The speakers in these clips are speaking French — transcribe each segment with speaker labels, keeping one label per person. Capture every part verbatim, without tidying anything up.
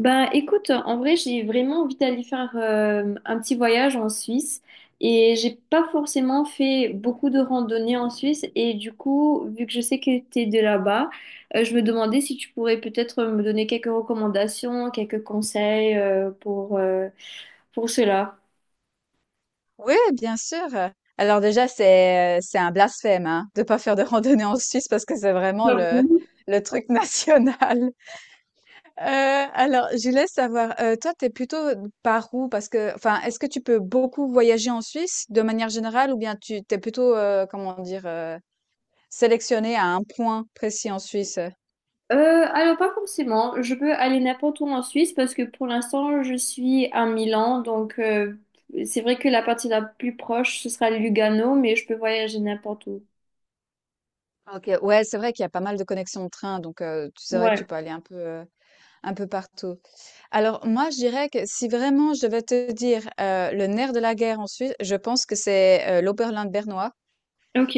Speaker 1: Ben écoute, en vrai, j'ai vraiment envie d'aller faire euh, un petit voyage en Suisse et j'ai pas forcément fait beaucoup de randonnées en Suisse et du coup, vu que je sais que t'es de là-bas, euh, je me demandais si tu pourrais peut-être me donner quelques recommandations, quelques conseils euh, pour, euh, pour cela.
Speaker 2: Oui, bien sûr. Alors déjà, c'est euh, c'est un blasphème, hein, de pas faire de randonnée en Suisse parce que c'est vraiment
Speaker 1: Bah,
Speaker 2: le
Speaker 1: oui.
Speaker 2: le truc national. Euh, alors, je laisse savoir. Euh, toi, t'es plutôt par où? Parce que, enfin, est-ce que tu peux beaucoup voyager en Suisse de manière générale ou bien tu t'es plutôt, euh, comment dire, euh, sélectionné à un point précis en Suisse?
Speaker 1: Euh, alors pas forcément, je peux aller n'importe où en Suisse parce que pour l'instant je suis à Milan, donc euh, c'est vrai que la partie la plus proche ce sera Lugano, mais je peux voyager n'importe où.
Speaker 2: OK, ouais, c'est vrai qu'il y a pas mal de connexions de train, donc heu, tu c'est vrai que tu
Speaker 1: Ouais,
Speaker 2: peux aller un peu, heu, un peu partout. Alors moi, je dirais que si vraiment je devais te dire, heu, le nerf de la guerre en Suisse, je pense que c'est, heu, l'Oberland bernois.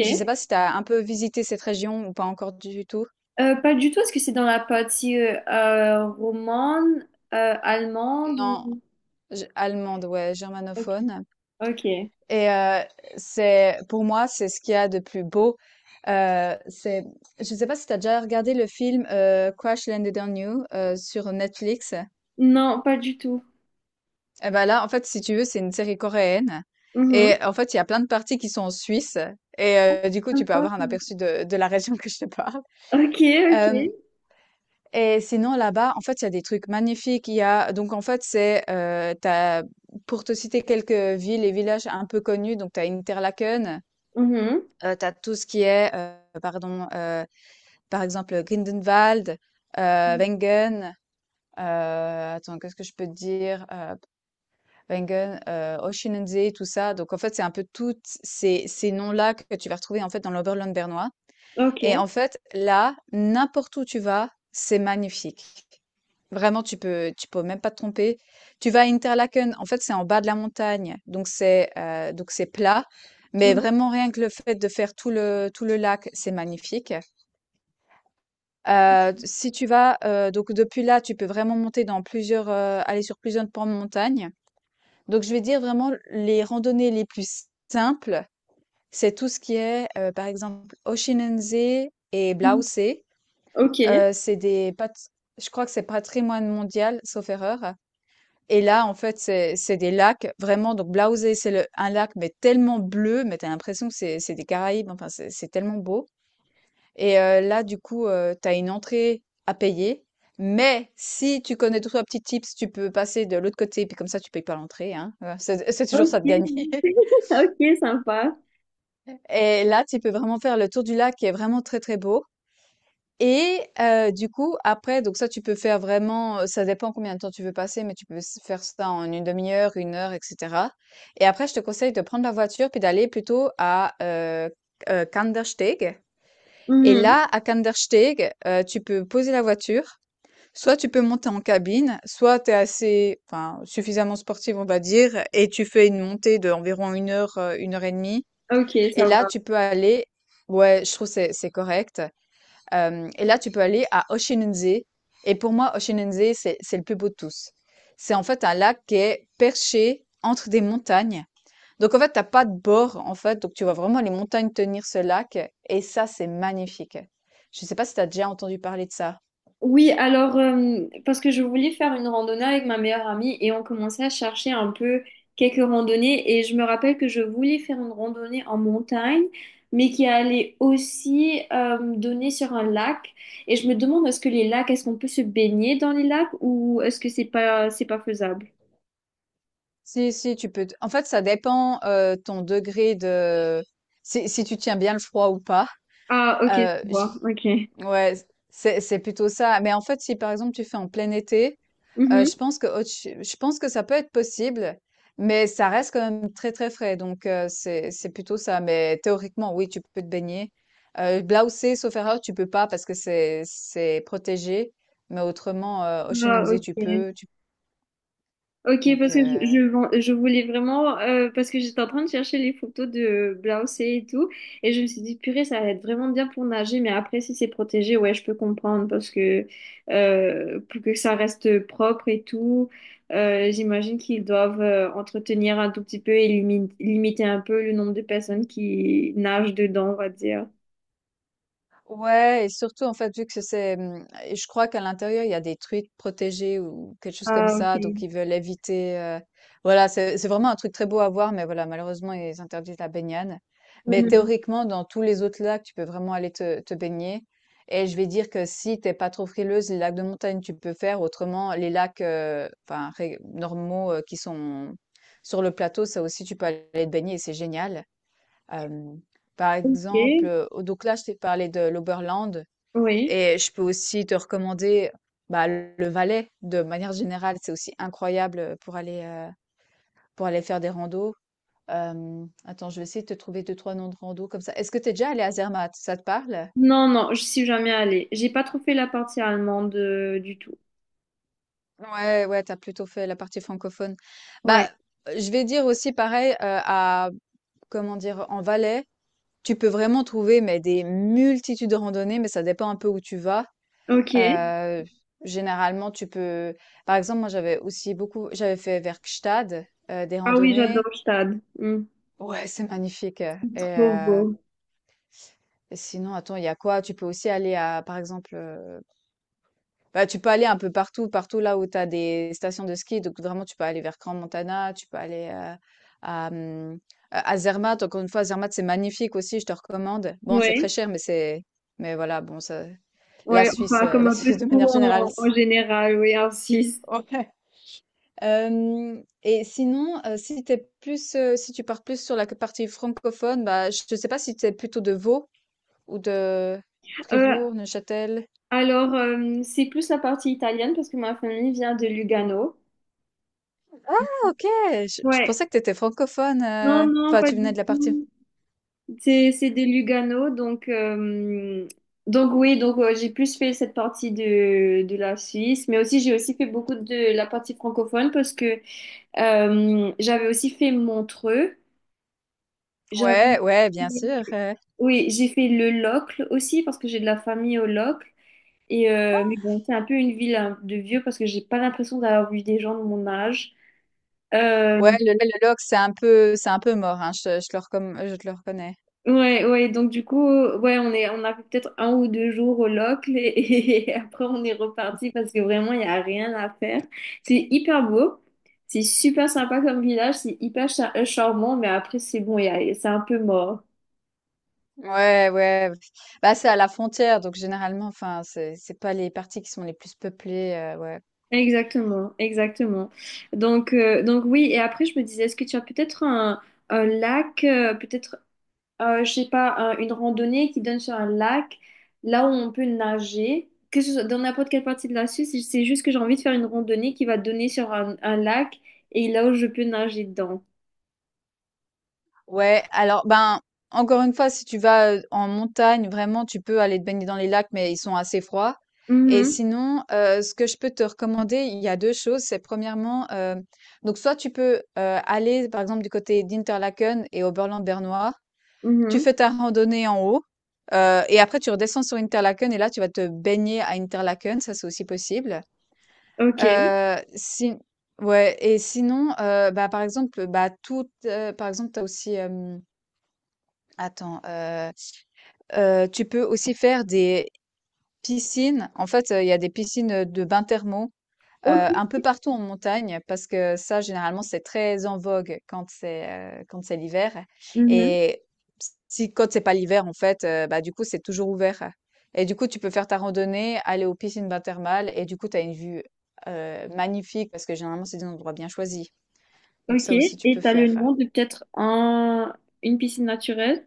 Speaker 2: Je sais pas si tu as un peu visité cette région ou pas encore du tout?
Speaker 1: Euh, pas du tout, est-ce que c'est dans la partie euh, euh, romane, euh, allemande
Speaker 2: Non,
Speaker 1: ou...
Speaker 2: je allemande, ouais,
Speaker 1: Ok,
Speaker 2: germanophone
Speaker 1: ok.
Speaker 2: et heu, c'est, pour moi, c'est ce qu'il y a de plus beau. Heu, c'est Je sais pas si tu as déjà regardé le film, heu, Crash Landed on You, heu, sur Netflix?
Speaker 1: Non, pas du tout.
Speaker 2: Eh ben là, en fait, si tu veux, c'est une série coréenne. Et
Speaker 1: Mhm.
Speaker 2: en fait, il y a plein de parties qui sont en Suisse. Et euh, du coup, tu peux
Speaker 1: Sympa.
Speaker 2: avoir un aperçu de, de la région que je te parle.
Speaker 1: Ok, ok.
Speaker 2: Euh, et sinon, là-bas, en fait, il y a des trucs magnifiques. Il y a, donc, en fait, c'est, euh, t'as, pour te citer quelques villes et villages un peu connus, donc tu as Interlaken,
Speaker 1: Mhm.
Speaker 2: euh, tu as tout ce qui est, euh, pardon, euh, par exemple, Grindenwald, euh, Wengen, euh, attends, qu'est-ce que je peux te dire? euh, Wengen, heu, Oshinensee, tout ça, donc en fait, c'est un peu tous ces ces noms-là que tu vas retrouver, en fait, dans l'Oberland bernois, et
Speaker 1: Ok.
Speaker 2: en fait, là, n'importe où tu vas, c'est magnifique. Vraiment, tu peux tu peux même pas te tromper. Tu vas à Interlaken, en fait, c'est en bas de la montagne, donc c'est, heu, donc c'est plat, mais vraiment rien que le fait de faire tout le tout le lac, c'est magnifique. Heu, si tu vas, heu, donc depuis là, tu peux vraiment monter dans plusieurs, heu, aller sur plusieurs pans de montagne. Donc, je vais dire vraiment les randonnées les plus simples, c'est tout ce qui est, heu, par exemple, Oshinensee et
Speaker 1: Mhm.
Speaker 2: Blausee.
Speaker 1: Ok.
Speaker 2: Heu, c'est des pat Je crois que c'est patrimoine mondial, sauf erreur, et là, en fait, c'est c'est des lacs vraiment, donc Blausee, c'est le un lac, mais tellement bleu, mais t'as l'impression que c'est c'est des Caraïbes, enfin, c'est c'est tellement beau, et heu, là, du coup, heu, tu une entrée à payer, mais si tu connais tous trois petits tips, tu peux passer de l'autre côté, puis comme ça, tu payes pas l'entrée, hein, heu, c'est c'est toujours ça
Speaker 1: Ok.
Speaker 2: de gagner.
Speaker 1: Ok, sympa.
Speaker 2: Et là, tu peux vraiment faire le tour du lac qui est vraiment très très beau. Et euh, du coup, après, donc ça, tu peux faire vraiment, euh, ça dépend combien de temps tu veux passer, mais tu peux s- faire ça en une demi-heure, une heure, et cetera. Et après, je te conseille de prendre la voiture puis d'aller plutôt à euh, euh, Kandersteg. Et
Speaker 1: Mhm.
Speaker 2: là, à Kandersteg, euh, tu peux poser la voiture. Soit tu peux monter en cabine, soit tu es assez, enfin, suffisamment sportive, on va dire, et tu fais une montée d'environ une heure, euh, une heure et demie.
Speaker 1: Ok,
Speaker 2: Et
Speaker 1: ça
Speaker 2: là,
Speaker 1: va.
Speaker 2: tu peux aller ouais, je trouve que c'est c'est correct. Hem Et là, tu peux aller à Oshinunzé, et pour moi, Oshinunzé, c'est c'est le plus beau de tous. C'est en fait un lac qui est perché entre des montagnes. Donc en fait, t'as pas de bord, en fait, donc tu vois vraiment les montagnes tenir ce lac, et ça, c'est magnifique. Je sais pas si tu as déjà entendu parler de ça?
Speaker 1: Oui, alors, euh, parce que je voulais faire une randonnée avec ma meilleure amie et on commençait à chercher un peu quelques randonnées et je me rappelle que je voulais faire une randonnée en montagne, mais qui allait aussi euh, donner sur un lac. Et je me demande, est-ce que les lacs, est-ce qu'on peut se baigner dans les lacs ou est-ce que c'est pas, c'est pas faisable?
Speaker 2: Si, si, tu peux t en fait, ça dépend, heu, ton degré de, si si tu tiens bien le froid ou pas.
Speaker 1: Ah, ok, je
Speaker 2: Heu,
Speaker 1: vois, ok.
Speaker 2: Ouais, c'est c'est plutôt ça. Mais en fait, si par exemple tu fais en plein été, euh,
Speaker 1: Mhm.
Speaker 2: je pense que autre ch- je pense que ça peut être possible, mais ça reste quand même très très frais. Donc euh, c'est c'est plutôt ça. Mais théoriquement, oui, tu peux te baigner. Euh, Blaoussé, sauf erreur, tu peux pas parce que c'est c'est protégé. Mais autrement, euh,
Speaker 1: Ah,
Speaker 2: Oceansea, tu
Speaker 1: ok.
Speaker 2: peux. Tu...
Speaker 1: Ok,
Speaker 2: Donc
Speaker 1: parce que je,
Speaker 2: euh,
Speaker 1: je vends- je voulais vraiment, euh, parce que j'étais en train de chercher les photos de Blausée et tout, et je me suis dit, purée, ça va être vraiment bien pour nager, mais après, si c'est protégé, ouais, je peux comprendre, parce que euh, pour que ça reste propre et tout, euh, j'imagine qu'ils doivent euh, entretenir un tout petit peu et limi- limiter un peu le nombre de personnes qui nagent dedans, on va dire.
Speaker 2: Ouais, et surtout, en fait, vu que c'est, mmh et je crois qu'à l'intérieur, il y a des truites protégées ou quelque chose comme
Speaker 1: Ah, ok.
Speaker 2: ça, donc ils veulent éviter, heu voilà, c'est c'est vraiment un truc très beau à voir, mais voilà, malheureusement, ils interdisent la baignade. Mais
Speaker 1: Mhm.
Speaker 2: théoriquement, dans tous les autres lacs, tu peux vraiment aller te te baigner, et je vais dire que si t'es pas trop frileuse, les lacs de montagne, tu peux faire. Autrement, les lacs, heu, enfin ré normaux, heu, qui sont sur le plateau, ça aussi, tu peux aller te baigner et c'est génial. Hem, Par exemple,
Speaker 1: Ok,
Speaker 2: heu, oh, donc là, je t'ai parlé de l'Oberland,
Speaker 1: oui.
Speaker 2: et je peux aussi te recommander, bah, le le Valais, de manière générale. C'est aussi incroyable, pour aller, heu, pour aller faire des randos. Hem, attends, je vais essayer de te trouver deux trois noms de randos comme ça. Est-ce que tu es déjà allé à Zermatt? Ça te parle?
Speaker 1: Non, non, je suis jamais allée. J'ai pas trop fait la partie allemande euh, du tout.
Speaker 2: Ouais, ouais, t'as plutôt fait la partie francophone.
Speaker 1: Ouais.
Speaker 2: Bah, heu, je vais dire aussi pareil, heu, à comment dire? En Valais, tu peux vraiment trouver, mais des multitudes de randonnées, mais ça dépend un peu où tu vas.
Speaker 1: Ok.
Speaker 2: Euh, Généralement, tu peux. Par exemple, moi, j'avais aussi beaucoup. J'avais fait Werkstatt, euh, des
Speaker 1: Ah oui,
Speaker 2: randonnées.
Speaker 1: j'adore Stade. Hmm,
Speaker 2: Ouais, c'est magnifique. Et,
Speaker 1: trop
Speaker 2: euh,
Speaker 1: beau.
Speaker 2: et sinon, attends, il y a quoi? Tu peux aussi aller à, par exemple, euh, bah, tu peux aller un peu partout, partout là où tu as des stations de ski. Donc, vraiment, tu peux aller vers Grand Montana, tu peux aller euh, à, hum, à à Zermatt. Encore une fois, Zermatt, c'est magnifique aussi, je te recommande. Bon, c'est très
Speaker 1: Oui.
Speaker 2: cher, mais c'est. Mais voilà, bon, ça... la
Speaker 1: Ouais,
Speaker 2: Suisse,
Speaker 1: enfin,
Speaker 2: euh,
Speaker 1: comme
Speaker 2: la
Speaker 1: un peu
Speaker 2: Suisse de
Speaker 1: tout
Speaker 2: manière générale,
Speaker 1: en, en
Speaker 2: c'est-
Speaker 1: général, oui, en Suisse.
Speaker 2: Ouais. Hem Et sinon, heu, si t'es plus, heu, si tu pars plus sur la partie francophone, bah, je ne sais pas si tu es plutôt de Vaud ou de
Speaker 1: Euh,
Speaker 2: Fribourg, Neuchâtel?
Speaker 1: alors, euh, c'est plus la partie italienne parce que ma famille vient de Lugano.
Speaker 2: Ah, OK! Je je
Speaker 1: Ouais.
Speaker 2: pensais que tu étais francophone,
Speaker 1: Non,
Speaker 2: heu,
Speaker 1: non,
Speaker 2: enfin
Speaker 1: pas
Speaker 2: tu venais
Speaker 1: du
Speaker 2: de la partie,
Speaker 1: tout. C'est, c'est de Lugano, donc, euh, donc oui, donc euh, j'ai plus fait cette partie de, de la Suisse, mais aussi j'ai aussi fait beaucoup de la partie francophone parce que euh, j'avais aussi fait Montreux. J'avais
Speaker 2: ouais, ouais, bien sûr, heu,
Speaker 1: oui, j'ai fait le Locle aussi parce que j'ai de la famille au Locle. Et euh, mais bon, c'est un peu une ville hein, de vieux parce que j'ai pas l'impression d'avoir vu des gens de mon âge. Euh,
Speaker 2: ouais, le le le c'est un peu c'est un peu mort, hein, je je le recomm je te le reconnais.
Speaker 1: ouais, ouais, donc du coup, ouais, on est, on a fait peut-être un ou deux jours au Locle et, et après on est reparti parce que vraiment il n'y a rien à faire. C'est hyper beau, c'est super sympa comme village, c'est hyper cha- euh, charmant, mais après c'est bon, il y a- c'est un peu mort.
Speaker 2: Ouais, ouais, ouais. Bah, c'est à la frontière donc généralement, enfin, c'est c'est pas les parties qui sont les plus peuplées, heu, ouais.
Speaker 1: Exactement, exactement. Donc, euh, donc oui, et après je me disais, est-ce que tu as peut-être un, un lac, euh, peut-être, euh, je sais pas, un- une randonnée qui donne sur un lac, là où on peut nager, que ce soit dans n'importe quelle partie de la Suisse, c'est c'est juste que j'ai envie de faire une randonnée qui va donner sur un, un lac et là où je peux nager dedans.
Speaker 2: Ouais, alors ben, encore une fois, si tu vas euh, en montagne, vraiment, tu peux aller te baigner dans les lacs, mais ils sont assez froids. Et
Speaker 1: Mhm,
Speaker 2: sinon, euh, ce que je peux te recommander, il y a deux choses. C'est premièrement, euh, donc soit tu peux euh, aller, par exemple, du côté d'Interlaken et Oberland-Bernois. Tu
Speaker 1: mhm,
Speaker 2: fais ta randonnée en haut, euh, et après tu redescends sur Interlaken, et là tu vas te baigner à Interlaken, ça c'est aussi possible.
Speaker 1: ok,
Speaker 2: Euh, si... Ouais, et sinon, euh, bah, par exemple, bah, tout, euh, par exemple, t'as aussi... Attends, heu heu, tu peux aussi faire des piscines. En fait, heu, il y a des piscines, de bains thermaux, heu,
Speaker 1: ok,
Speaker 2: un peu partout en montagne parce que ça, généralement, c'est très en vogue quand c'est, heu, quand c'est l'hiver,
Speaker 1: mhm,
Speaker 2: et si quand c'est pas l'hiver, en fait, heu, bah, du coup, c'est toujours ouvert, et du coup, tu peux faire ta randonnée, aller aux piscines bains thermales et du coup, tu as une vue, heu, magnifique parce que généralement, c'est des endroits bien choisis. Donc
Speaker 1: ok.
Speaker 2: ça aussi, tu
Speaker 1: Et
Speaker 2: peux
Speaker 1: t'as le
Speaker 2: faire. euh,
Speaker 1: nom de peut-être un, une piscine naturelle?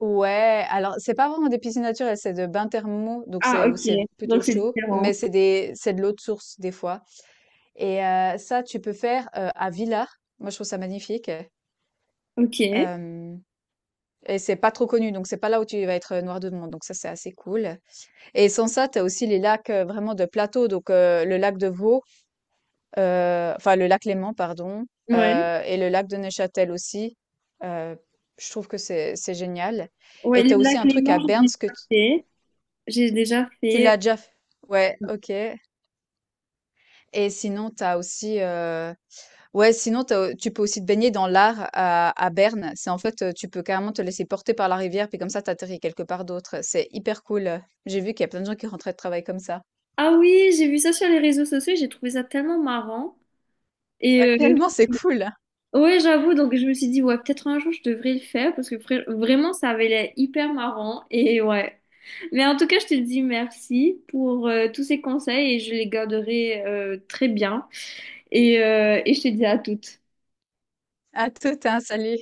Speaker 2: Ouais, alors c'est pas vraiment des piscines naturelles, c'est de bains thermaux, donc
Speaker 1: Ah,
Speaker 2: c'est où
Speaker 1: ok,
Speaker 2: c'est plutôt
Speaker 1: donc c'est
Speaker 2: chaud,
Speaker 1: différent.
Speaker 2: mais c'est des c'est de l'eau de source des fois. Et euh, ça, tu peux faire euh, à Villars. Moi, je trouve ça magnifique.
Speaker 1: Ok,
Speaker 2: Euh, et c'est pas trop connu, donc c'est pas là où tu vas être euh, noir de monde. Donc ça, c'est assez cool. Et sans ça, t'as aussi les lacs euh, vraiment de plateau, donc euh, le lac de Vaux, euh, enfin le lac Léman, pardon,
Speaker 1: ouais.
Speaker 2: euh, et le lac de Neuchâtel aussi. Euh, je trouve que c'est c'est génial.
Speaker 1: Ouais,
Speaker 2: Et
Speaker 1: le
Speaker 2: tu as aussi
Speaker 1: lac
Speaker 2: un truc
Speaker 1: Léman,
Speaker 2: à
Speaker 1: j'ai
Speaker 2: Berne.
Speaker 1: déjà fait. J'ai déjà
Speaker 2: Tu
Speaker 1: fait.
Speaker 2: l'as déjà fait? Ouais, ok. Et sinon, t'as aussi, euh, ouais, sinon t'as- tu peux aussi te baigner dans l'Ar à, à Berne. C'est en fait, euh, tu peux carrément te laisser porter par la rivière, puis comme ça, t'atterris quelque part d'autre. C'est hyper cool. J'ai vu qu'il y a plein de gens qui rentraient de travail comme ça.
Speaker 1: Ah oui, j'ai vu ça sur les réseaux sociaux, j'ai trouvé ça tellement marrant. Et
Speaker 2: Ouais,
Speaker 1: euh,
Speaker 2: tellement c'est cool.
Speaker 1: ouais, j'avoue, donc je me suis dit, ouais, peut-être un jour je devrais le faire parce que vra- vraiment, ça avait l'air hyper marrant. Et ouais. Mais en tout cas, je te dis merci pour euh, tous ces conseils et je les garderai euh, très bien. Et, euh, et je te dis à toutes.
Speaker 2: À tout, hein, salut.